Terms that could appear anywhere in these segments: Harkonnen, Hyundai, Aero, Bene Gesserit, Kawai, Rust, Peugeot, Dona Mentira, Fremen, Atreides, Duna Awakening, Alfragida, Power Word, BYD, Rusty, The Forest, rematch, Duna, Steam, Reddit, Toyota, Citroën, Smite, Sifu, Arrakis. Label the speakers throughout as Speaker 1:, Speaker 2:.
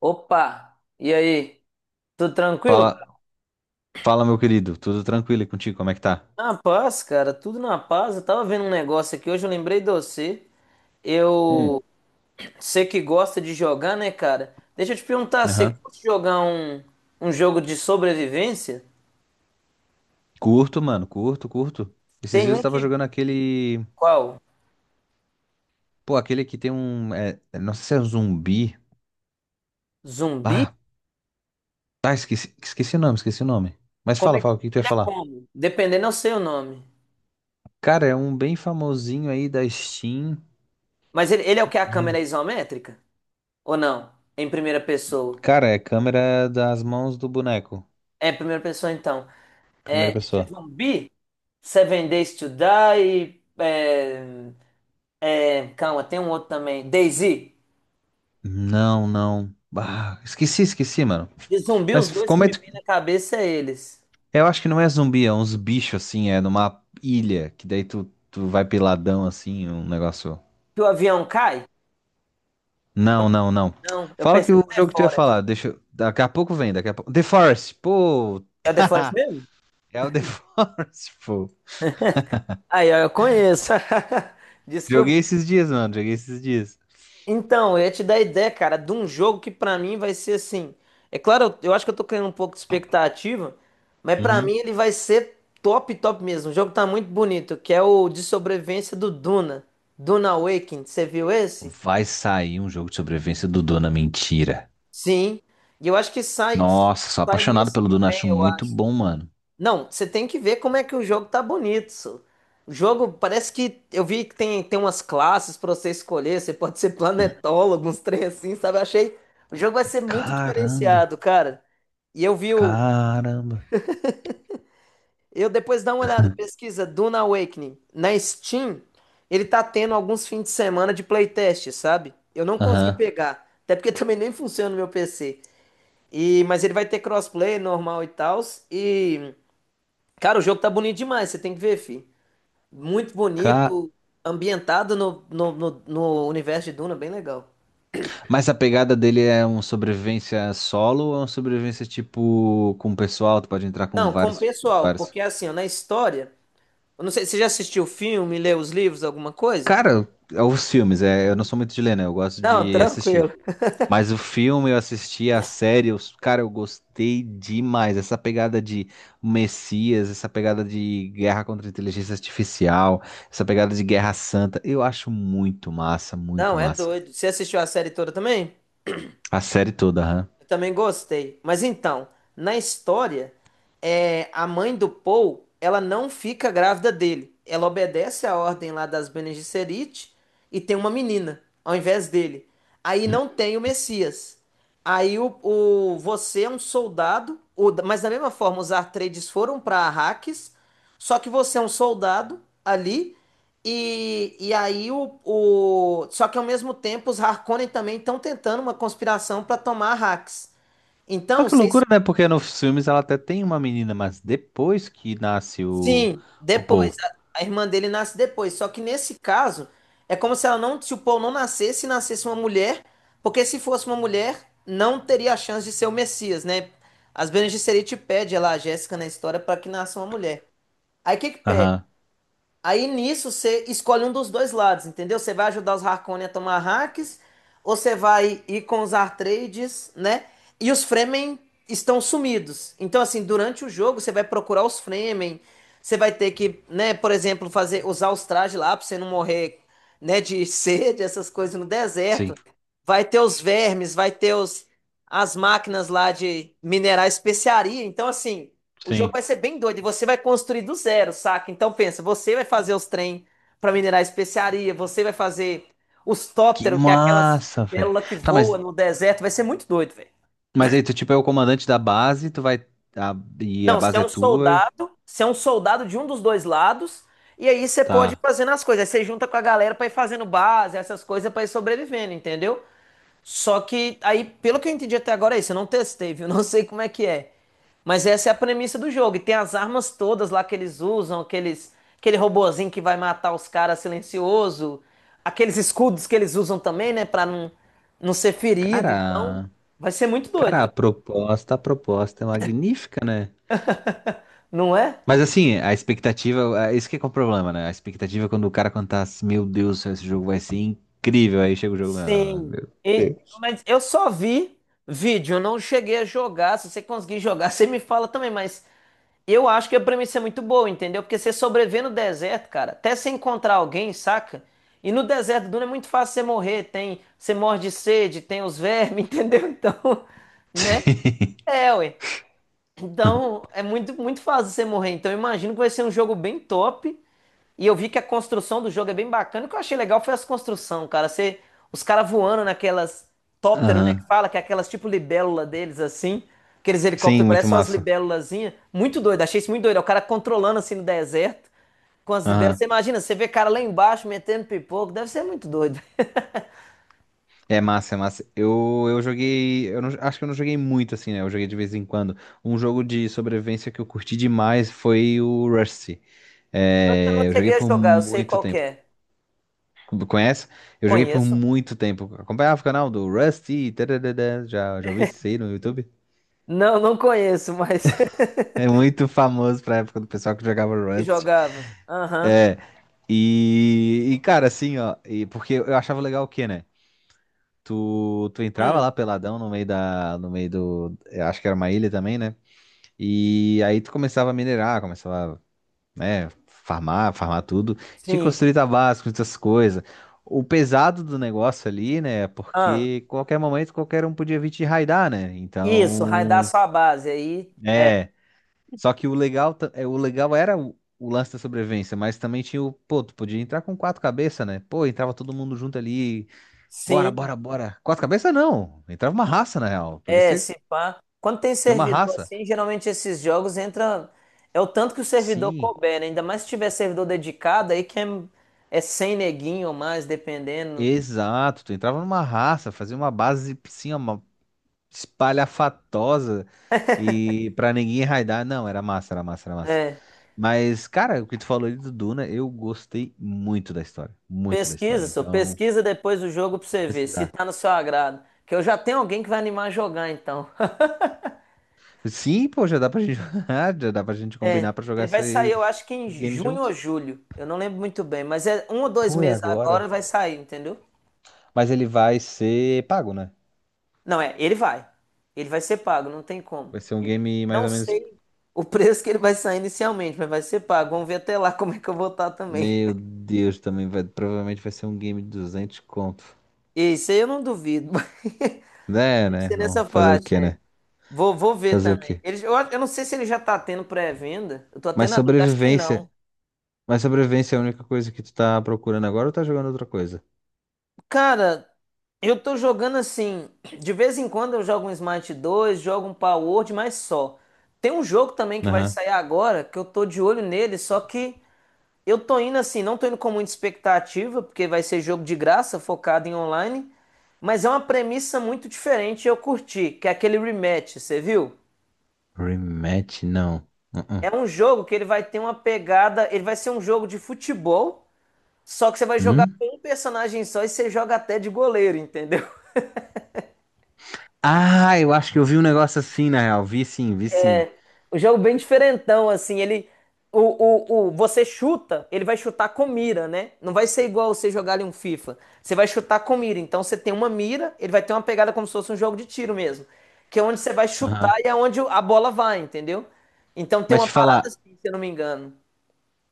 Speaker 1: Opa! E aí? Tudo tranquilo?
Speaker 2: Fala, fala, meu querido. Tudo tranquilo e contigo? Como é que tá?
Speaker 1: Na paz, cara, tudo na paz. Eu tava vendo um negócio aqui hoje, eu lembrei de você.
Speaker 2: Hum.
Speaker 1: Eu sei que gosta de jogar, né, cara? Deixa eu te perguntar, você
Speaker 2: Aham.
Speaker 1: gosta de jogar um jogo de sobrevivência?
Speaker 2: Curto, mano. Curto. Esses
Speaker 1: Tem
Speaker 2: dias eu
Speaker 1: um
Speaker 2: tava
Speaker 1: que.
Speaker 2: jogando aquele.
Speaker 1: Qual?
Speaker 2: Pô, aquele que tem um. Não sei se é um zumbi.
Speaker 1: Zumbi?
Speaker 2: Ah, tá. Esqueci o nome. Mas fala, fala, o que que tu ia
Speaker 1: Ele é
Speaker 2: falar?
Speaker 1: como? Dependendo, eu sei o nome.
Speaker 2: Cara, é um bem famosinho aí da Steam.
Speaker 1: Mas ele é o que? A câmera
Speaker 2: Hum.
Speaker 1: é isométrica? Ou não? Em primeira pessoa?
Speaker 2: Cara, é câmera das mãos do boneco.
Speaker 1: É, em primeira pessoa então.
Speaker 2: Primeira
Speaker 1: É,
Speaker 2: pessoa.
Speaker 1: zumbi? Seven Days to Die. É, calma, tem um outro também. DayZ.
Speaker 2: Não, não. Ah, esqueci, mano.
Speaker 1: De zumbi, os
Speaker 2: Mas
Speaker 1: dois que
Speaker 2: como é?
Speaker 1: me vêm na cabeça é eles.
Speaker 2: Eu acho que não é zumbi, é uns bichos assim, é numa ilha, que daí tu vai peladão assim, um negócio.
Speaker 1: Que o avião cai?
Speaker 2: Não, não, não.
Speaker 1: Não, eu
Speaker 2: Fala que
Speaker 1: pensei no
Speaker 2: o
Speaker 1: The
Speaker 2: jogo que tu ia
Speaker 1: Forest.
Speaker 2: falar, deixa. Daqui a pouco vem, daqui a pouco. The Forest, pô!
Speaker 1: É o The Forest mesmo?
Speaker 2: É o The Forest, pô.
Speaker 1: Aí, ó, eu conheço. Descobri.
Speaker 2: Joguei esses dias, mano, joguei esses dias.
Speaker 1: Então, eu ia te dar ideia, cara, de um jogo que pra mim vai ser assim. É claro, eu acho que eu tô criando um pouco de expectativa, mas pra
Speaker 2: Uhum.
Speaker 1: mim ele vai ser top, top mesmo. O jogo tá muito bonito, que é o de sobrevivência do Duna. Duna Awakening, você viu esse?
Speaker 2: Vai sair um jogo de sobrevivência do Dona Mentira.
Speaker 1: Sim. E eu acho que sai,
Speaker 2: Nossa, sou
Speaker 1: sai
Speaker 2: apaixonado
Speaker 1: mês
Speaker 2: pelo
Speaker 1: que
Speaker 2: Dona,
Speaker 1: vem,
Speaker 2: acho
Speaker 1: eu
Speaker 2: muito
Speaker 1: acho.
Speaker 2: bom, mano.
Speaker 1: Não, você tem que ver como é que o jogo tá bonito, só. O jogo parece que eu vi que tem umas classes pra você escolher. Você pode ser planetólogo, uns trem assim, sabe? Eu achei. O jogo vai ser muito
Speaker 2: Caramba,
Speaker 1: diferenciado, cara. E eu vi o.
Speaker 2: caramba.
Speaker 1: Eu depois dá uma olhada, pesquisa Duna Awakening. Na Steam, ele tá tendo alguns fins de semana de playtest, sabe? Eu não consegui
Speaker 2: Aham.
Speaker 1: pegar. Até porque também nem funciona no meu PC. E, mas ele vai ter crossplay normal e tal. E. Cara, o jogo tá bonito demais, você tem que ver, fi. Muito
Speaker 2: Ca-
Speaker 1: bonito, ambientado no universo de Duna, bem legal.
Speaker 2: Mas a pegada dele é um sobrevivência solo ou é um sobrevivência tipo com o pessoal? Tu pode entrar com
Speaker 1: Não, como
Speaker 2: vários,
Speaker 1: pessoal,
Speaker 2: vários.
Speaker 1: porque assim, ó, na história, eu não sei, você já assistiu o filme, leu os livros, alguma coisa?
Speaker 2: Cara, é os filmes, é, eu não sou muito de ler, né? Eu gosto
Speaker 1: Não,
Speaker 2: de assistir.
Speaker 1: tranquilo.
Speaker 2: Mas o filme eu assisti, a série, eu, cara, eu gostei demais. Essa pegada de Messias, essa pegada de guerra contra a inteligência artificial, essa pegada de Guerra Santa, eu acho muito massa, muito
Speaker 1: Não, é
Speaker 2: massa.
Speaker 1: doido. Você assistiu a série toda também?
Speaker 2: A série toda, aham.
Speaker 1: Eu também gostei. Mas então, na história, a mãe do Paul, ela não fica grávida dele. Ela obedece a ordem lá das Bene Gesserit e tem uma menina ao invés dele. Aí não tem o Messias. Aí você é um soldado, mas da mesma forma os Atreides foram para Arrakis, só que você é um soldado ali e aí Só que ao mesmo tempo os Harkonnen também estão tentando uma conspiração para tomar Arrakis. Então,
Speaker 2: Olha que
Speaker 1: vocês.
Speaker 2: loucura, né? Porque nos filmes ela até tem uma menina, mas depois que nasce
Speaker 1: Sim,
Speaker 2: o
Speaker 1: depois.
Speaker 2: Paul.
Speaker 1: A irmã dele nasce depois. Só que nesse caso, é como se ela não. Se o Paul não nascesse e nascesse uma mulher. Porque se fosse uma mulher, não teria a chance de ser o Messias, né? As Bene Gesserit pede ela, a Jéssica, na história, para que nasça uma mulher. Aí o que que pede?
Speaker 2: Aham.
Speaker 1: Aí nisso você escolhe um dos dois lados, entendeu? Você vai ajudar os Harkonnen a tomar hacks, ou você vai ir com os Atreides, né? E os Fremen estão sumidos. Então, assim, durante o jogo você vai procurar os Fremen, você vai ter que, né, por exemplo, fazer usar os trajes lá pra você não morrer, né, de sede, essas coisas no
Speaker 2: Sim,
Speaker 1: deserto. Vai ter os vermes, vai ter as máquinas lá de minerar especiaria. Então, assim, o jogo
Speaker 2: sim.
Speaker 1: vai ser bem doido e você vai construir do zero, saca? Então pensa, você vai fazer os trem para minerar especiaria, você vai fazer os
Speaker 2: Que
Speaker 1: tópteros, que é aquelas
Speaker 2: massa, velho.
Speaker 1: libélula que
Speaker 2: Tá,
Speaker 1: voa no deserto, vai ser muito doido, velho.
Speaker 2: mas aí tu, tipo, é o comandante da base, tu vai. a- e a
Speaker 1: Não, você é
Speaker 2: base é
Speaker 1: um
Speaker 2: tua,
Speaker 1: soldado, você é um soldado de um dos dois lados, e aí você pode ir
Speaker 2: tá.
Speaker 1: fazendo as coisas. Aí você junta com a galera para ir fazendo base, essas coisas para ir sobrevivendo, entendeu? Só que aí, pelo que eu entendi até agora, é isso. Eu não testei, viu? Não sei como é que é. Mas essa é a premissa do jogo. E tem as armas todas lá que eles usam, aqueles, aquele robozinho que vai matar os caras silencioso, aqueles escudos que eles usam também, né, pra não ser ferido. Então,
Speaker 2: Cara,
Speaker 1: vai ser muito doido,
Speaker 2: cara,
Speaker 1: velho.
Speaker 2: a proposta é magnífica, né?
Speaker 1: Não é?
Speaker 2: Mas assim, a expectativa, é isso que é o problema, né? A expectativa é quando o cara contar assim, meu Deus, do céu, esse jogo vai ser incrível, aí chega o jogo, ah,
Speaker 1: Sim.
Speaker 2: meu.
Speaker 1: E- mas eu só vi vídeo, eu não cheguei a jogar. Se você conseguir jogar, você me fala também, mas eu acho que a premissa é muito boa, entendeu? Porque você sobreviver no deserto, cara, até você encontrar alguém, saca? E no deserto do Duna é muito fácil você morrer, tem, você morre de sede, tem os vermes, entendeu? Então, né? É, ué. Então, é muito, muito fácil você morrer. Então, eu imagino que vai ser um jogo bem top e eu vi que a construção do jogo é bem bacana. O que eu achei legal foi as construções, cara. Você, os caras voando naquelas tóptero, né? Que
Speaker 2: Aham.
Speaker 1: fala que é aquelas tipo libélula deles, assim. Aqueles
Speaker 2: Sim,
Speaker 1: helicópteros
Speaker 2: muito
Speaker 1: parecem umas
Speaker 2: massa.
Speaker 1: libélulazinhas. Muito doido, achei isso muito doido. É, o cara controlando assim no deserto com as libélulas. Você
Speaker 2: Aham.
Speaker 1: imagina, você vê cara lá embaixo metendo pipoco. Deve ser muito doido.
Speaker 2: É massa, é massa. Eu joguei. Eu não- Acho que eu não joguei muito assim, né? Eu joguei de vez em quando. Um jogo de sobrevivência que eu curti demais foi o Rusty.
Speaker 1: Eu não
Speaker 2: É, eu joguei
Speaker 1: cheguei a
Speaker 2: por
Speaker 1: jogar, eu sei
Speaker 2: muito
Speaker 1: qual que
Speaker 2: tempo.
Speaker 1: é.
Speaker 2: Conhece? Eu joguei por
Speaker 1: Conheço?
Speaker 2: muito tempo. Acompanhava o canal do Rusty. Tadadadá. Já ouvi isso aí no YouTube.
Speaker 1: Não, não conheço, mas
Speaker 2: É muito famoso pra época do pessoal que jogava
Speaker 1: que
Speaker 2: Rust.
Speaker 1: jogava. Aham.
Speaker 2: É, e cara, assim, ó, e porque eu achava legal o quê, né? Tu entrava lá
Speaker 1: Hum,
Speaker 2: peladão no meio da, no meio do, eu acho que era uma ilha também, né? E aí tu começava a minerar, começava, né, farmar tudo. Tinha que
Speaker 1: sim.
Speaker 2: construir tabasco, essas coisas. O pesado do negócio ali, né, é
Speaker 1: Ah,
Speaker 2: porque qualquer momento qualquer um podia vir te raidar, né?
Speaker 1: isso, raidar
Speaker 2: Então,
Speaker 1: sua base aí.
Speaker 2: é, só que o legal, é, o legal era o lance da sobrevivência, mas também tinha o, pô, tu podia entrar com quatro cabeças, né? Pô, entrava todo mundo junto ali, Bora, bora,
Speaker 1: Sim.
Speaker 2: bora. Quatro cabeças não. Entrava uma raça, na real. Podia
Speaker 1: É,
Speaker 2: ser
Speaker 1: se pá. Quando tem
Speaker 2: de uma
Speaker 1: servidor
Speaker 2: raça.
Speaker 1: assim, geralmente esses jogos entra. É o tanto que o servidor
Speaker 2: Sim,
Speaker 1: couber, né? Ainda mais se tiver servidor dedicado, aí que é 100 neguinho ou mais, dependendo.
Speaker 2: exato. Tu entrava numa raça, fazia uma base, sim, uma espalhafatosa e pra ninguém raidar. Não, era massa.
Speaker 1: É.
Speaker 2: Mas, cara, o que tu falou ali do Duna, eu gostei muito da história. Muito da história.
Speaker 1: Pesquisa, só
Speaker 2: Então,
Speaker 1: pesquisa depois do jogo pra
Speaker 2: vou
Speaker 1: você ver se
Speaker 2: precisar.
Speaker 1: tá no seu agrado. Que eu já tenho alguém que vai animar a jogar, então.
Speaker 2: Sim, pô, já dá pra gente, jogar, já dá pra gente
Speaker 1: É.
Speaker 2: combinar pra jogar
Speaker 1: Ele vai sair,
Speaker 2: esse
Speaker 1: eu acho que em
Speaker 2: esse game
Speaker 1: junho ou
Speaker 2: junto.
Speaker 1: julho. Eu não lembro muito bem, mas é um ou dois
Speaker 2: Pô, é
Speaker 1: meses
Speaker 2: agora.
Speaker 1: agora vai sair, entendeu?
Speaker 2: Mas ele vai ser pago, né?
Speaker 1: Não, é, ele vai. Ele vai ser pago, não tem como.
Speaker 2: Vai ser um game mais
Speaker 1: Não
Speaker 2: ou menos.
Speaker 1: sei o preço que ele vai sair inicialmente, mas vai ser pago. Vamos ver até lá como é que eu vou estar também.
Speaker 2: Meu Deus, também vai, provavelmente vai ser um game de 200 conto.
Speaker 1: E isso aí eu não duvido, mas
Speaker 2: É,
Speaker 1: deve
Speaker 2: né?
Speaker 1: ser
Speaker 2: Não,
Speaker 1: nessa
Speaker 2: fazer o
Speaker 1: faixa.
Speaker 2: quê,
Speaker 1: É.
Speaker 2: né?
Speaker 1: Vou ver
Speaker 2: Fazer o
Speaker 1: também.
Speaker 2: quê?
Speaker 1: Eu não sei se ele já tá tendo pré-venda. Eu tô até
Speaker 2: Mas
Speaker 1: na dúvida, acho que
Speaker 2: sobrevivência,
Speaker 1: não.
Speaker 2: mas sobrevivência é a única coisa que tu tá procurando agora ou tá jogando outra coisa?
Speaker 1: Cara, eu tô jogando assim. De vez em quando eu jogo um Smite 2, jogo um Power Word, mas só. Tem um jogo também que vai
Speaker 2: Aham.
Speaker 1: sair agora que eu tô de olho nele, só que. Eu tô indo assim, não tô indo com muita expectativa, porque vai ser jogo de graça, focado em online, mas é uma premissa muito diferente e eu curti, que é aquele rematch, você viu?
Speaker 2: Rematch, não. Uh-uh.
Speaker 1: É um jogo que ele vai ter uma pegada, ele vai ser um jogo de futebol, só que você vai jogar
Speaker 2: Hum?
Speaker 1: com um personagem só e você joga até de goleiro, entendeu?
Speaker 2: Ah, eu acho que eu vi um negócio assim, na real. Vi sim, vi sim.
Speaker 1: O jogo bem diferentão, assim, ele. Você chuta, ele vai chutar com mira, né? Não vai ser igual você jogar ali um FIFA. Você vai chutar com mira. Então você tem uma mira, ele vai ter uma pegada como se fosse um jogo de tiro mesmo. Que é onde você vai chutar
Speaker 2: Aham.
Speaker 1: e é onde a bola vai, entendeu? Então tem
Speaker 2: Mas
Speaker 1: uma
Speaker 2: te
Speaker 1: parada
Speaker 2: falar,
Speaker 1: assim, se eu não me engano.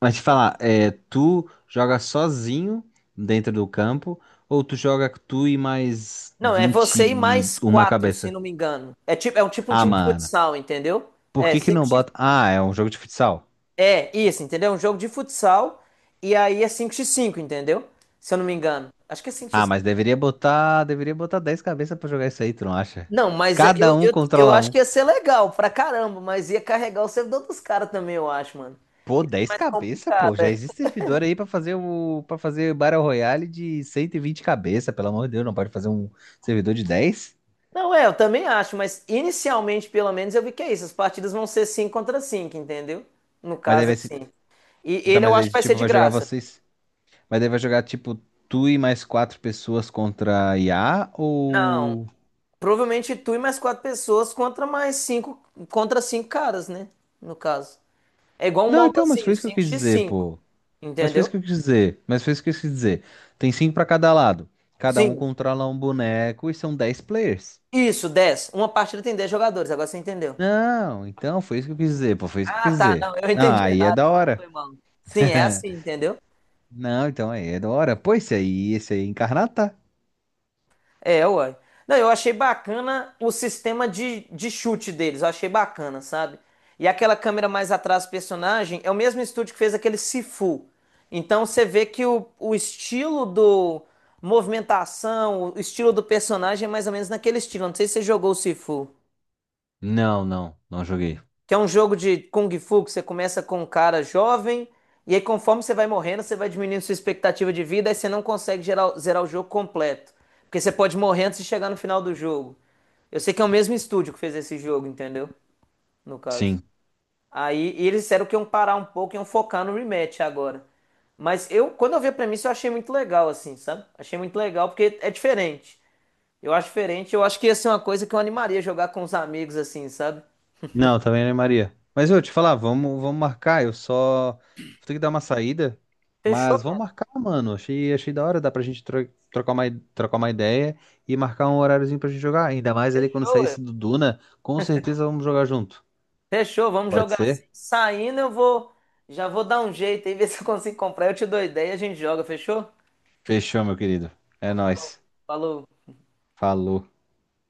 Speaker 2: mas te falar, é, tu joga sozinho dentro do campo ou tu joga tu e mais
Speaker 1: Não, é
Speaker 2: vinte
Speaker 1: você e
Speaker 2: e
Speaker 1: mais
Speaker 2: uma
Speaker 1: quatro, se eu
Speaker 2: cabeça?
Speaker 1: não me engano. É tipo, é um tipo um
Speaker 2: Ah,
Speaker 1: time de
Speaker 2: mano.
Speaker 1: futsal, entendeu?
Speaker 2: Por
Speaker 1: É
Speaker 2: que que não
Speaker 1: 5x.
Speaker 2: bota. Ah, é um jogo de futsal.
Speaker 1: É isso, entendeu? É um jogo de futsal e aí é cinco x cinco, entendeu? Se eu não me engano. Acho que é cinco x
Speaker 2: Ah,
Speaker 1: 5.
Speaker 2: mas deveria botar. Deveria botar 10 cabeças pra jogar isso aí, tu não acha?
Speaker 1: Não, mas é-
Speaker 2: Cada
Speaker 1: eu,
Speaker 2: um
Speaker 1: eu, eu
Speaker 2: controla
Speaker 1: acho que
Speaker 2: um.
Speaker 1: ia ser legal pra caramba, mas ia carregar o servidor dos caras também, eu acho, mano.
Speaker 2: Pô,
Speaker 1: Isso é
Speaker 2: 10
Speaker 1: mais
Speaker 2: cabeças,
Speaker 1: complicado,
Speaker 2: pô. Já
Speaker 1: é.
Speaker 2: existe servidor aí pra fazer o. Para fazer Battle Royale de 120 cabeças, pelo amor de Deus, não pode fazer um servidor de 10?
Speaker 1: Não, é, eu também acho, mas inicialmente, pelo menos, eu vi que é isso. As partidas vão ser 5 contra 5, entendeu? No
Speaker 2: Mas daí
Speaker 1: caso,
Speaker 2: vai se.
Speaker 1: assim. E
Speaker 2: Dá
Speaker 1: ele eu
Speaker 2: mais
Speaker 1: acho
Speaker 2: aí,
Speaker 1: que vai ser
Speaker 2: tipo,
Speaker 1: de
Speaker 2: vai jogar
Speaker 1: graça.
Speaker 2: vocês. Mas daí vai jogar, tipo, tu e mais quatro pessoas contra IA
Speaker 1: Não,
Speaker 2: ou.
Speaker 1: provavelmente tu e mais quatro pessoas contra mais cinco, contra cinco caras, né? No caso. É igual um
Speaker 2: Não, então, mas foi
Speaker 1: MOBAzinho,
Speaker 2: isso que eu
Speaker 1: cinco
Speaker 2: quis
Speaker 1: x
Speaker 2: dizer,
Speaker 1: cinco,
Speaker 2: pô. Mas fez o
Speaker 1: entendeu?
Speaker 2: que eu quis dizer. Mas fez o que eu quis dizer. Tem cinco pra cada lado. Cada um
Speaker 1: Sim.
Speaker 2: controla um boneco e são 10 players.
Speaker 1: Isso, 10. Uma partida tem 10 jogadores, agora você entendeu.
Speaker 2: Não, então foi isso que eu quis dizer. Pô, foi isso que eu
Speaker 1: Ah,
Speaker 2: quis
Speaker 1: tá,
Speaker 2: dizer.
Speaker 1: não, eu
Speaker 2: Não,
Speaker 1: entendi
Speaker 2: aí é
Speaker 1: errado,
Speaker 2: da
Speaker 1: então foi
Speaker 2: hora.
Speaker 1: mal. Sim, é assim, entendeu?
Speaker 2: Não, então aí é da hora. Pô, esse aí é Incarnata?
Speaker 1: É, uai. Não, eu achei bacana o sistema de chute deles, eu achei bacana, sabe? E aquela câmera mais atrás do personagem é o mesmo estúdio que fez aquele Sifu. Então você vê que o estilo do movimentação, o estilo do personagem é mais ou menos naquele estilo. Não sei se você jogou o Sifu.
Speaker 2: Não, não, não joguei.
Speaker 1: Que é um jogo de Kung Fu que você começa com um cara jovem, e aí conforme você vai morrendo, você vai diminuindo sua expectativa de vida, aí você não consegue zerar o jogo completo. Porque você pode morrer antes de chegar no final do jogo. Eu sei que é o mesmo estúdio que fez esse jogo, entendeu? No caso.
Speaker 2: Sim.
Speaker 1: Aí e eles disseram que iam parar um pouco e iam focar no rematch agora. Mas eu, quando eu vi a premissa, eu achei muito legal, assim, sabe? Achei muito legal porque é diferente. Eu acho diferente, eu acho que ia ser uma coisa que eu animaria jogar com os amigos, assim, sabe?
Speaker 2: Não, também não é Maria. Mas eu te falar, vamos marcar. Eu só vou ter que dar uma saída,
Speaker 1: Fechou,
Speaker 2: mas vamos
Speaker 1: cara.
Speaker 2: marcar, mano. Achei, achei da hora, dá pra gente trocar uma, trocar uma ideia e marcar um horáriozinho pra gente jogar. Ainda mais ali quando
Speaker 1: Fechou,
Speaker 2: sair
Speaker 1: ué.
Speaker 2: esse do Duna, com certeza vamos jogar junto.
Speaker 1: Fechou, vamos
Speaker 2: Pode
Speaker 1: jogar assim.
Speaker 2: ser?
Speaker 1: Saindo, eu vou. Já vou dar um jeito aí, ver se eu consigo comprar. Eu te dou ideia e a gente joga, fechou?
Speaker 2: Fechou, meu querido. É
Speaker 1: Então tá bom.
Speaker 2: nóis.
Speaker 1: Falou.
Speaker 2: Falou.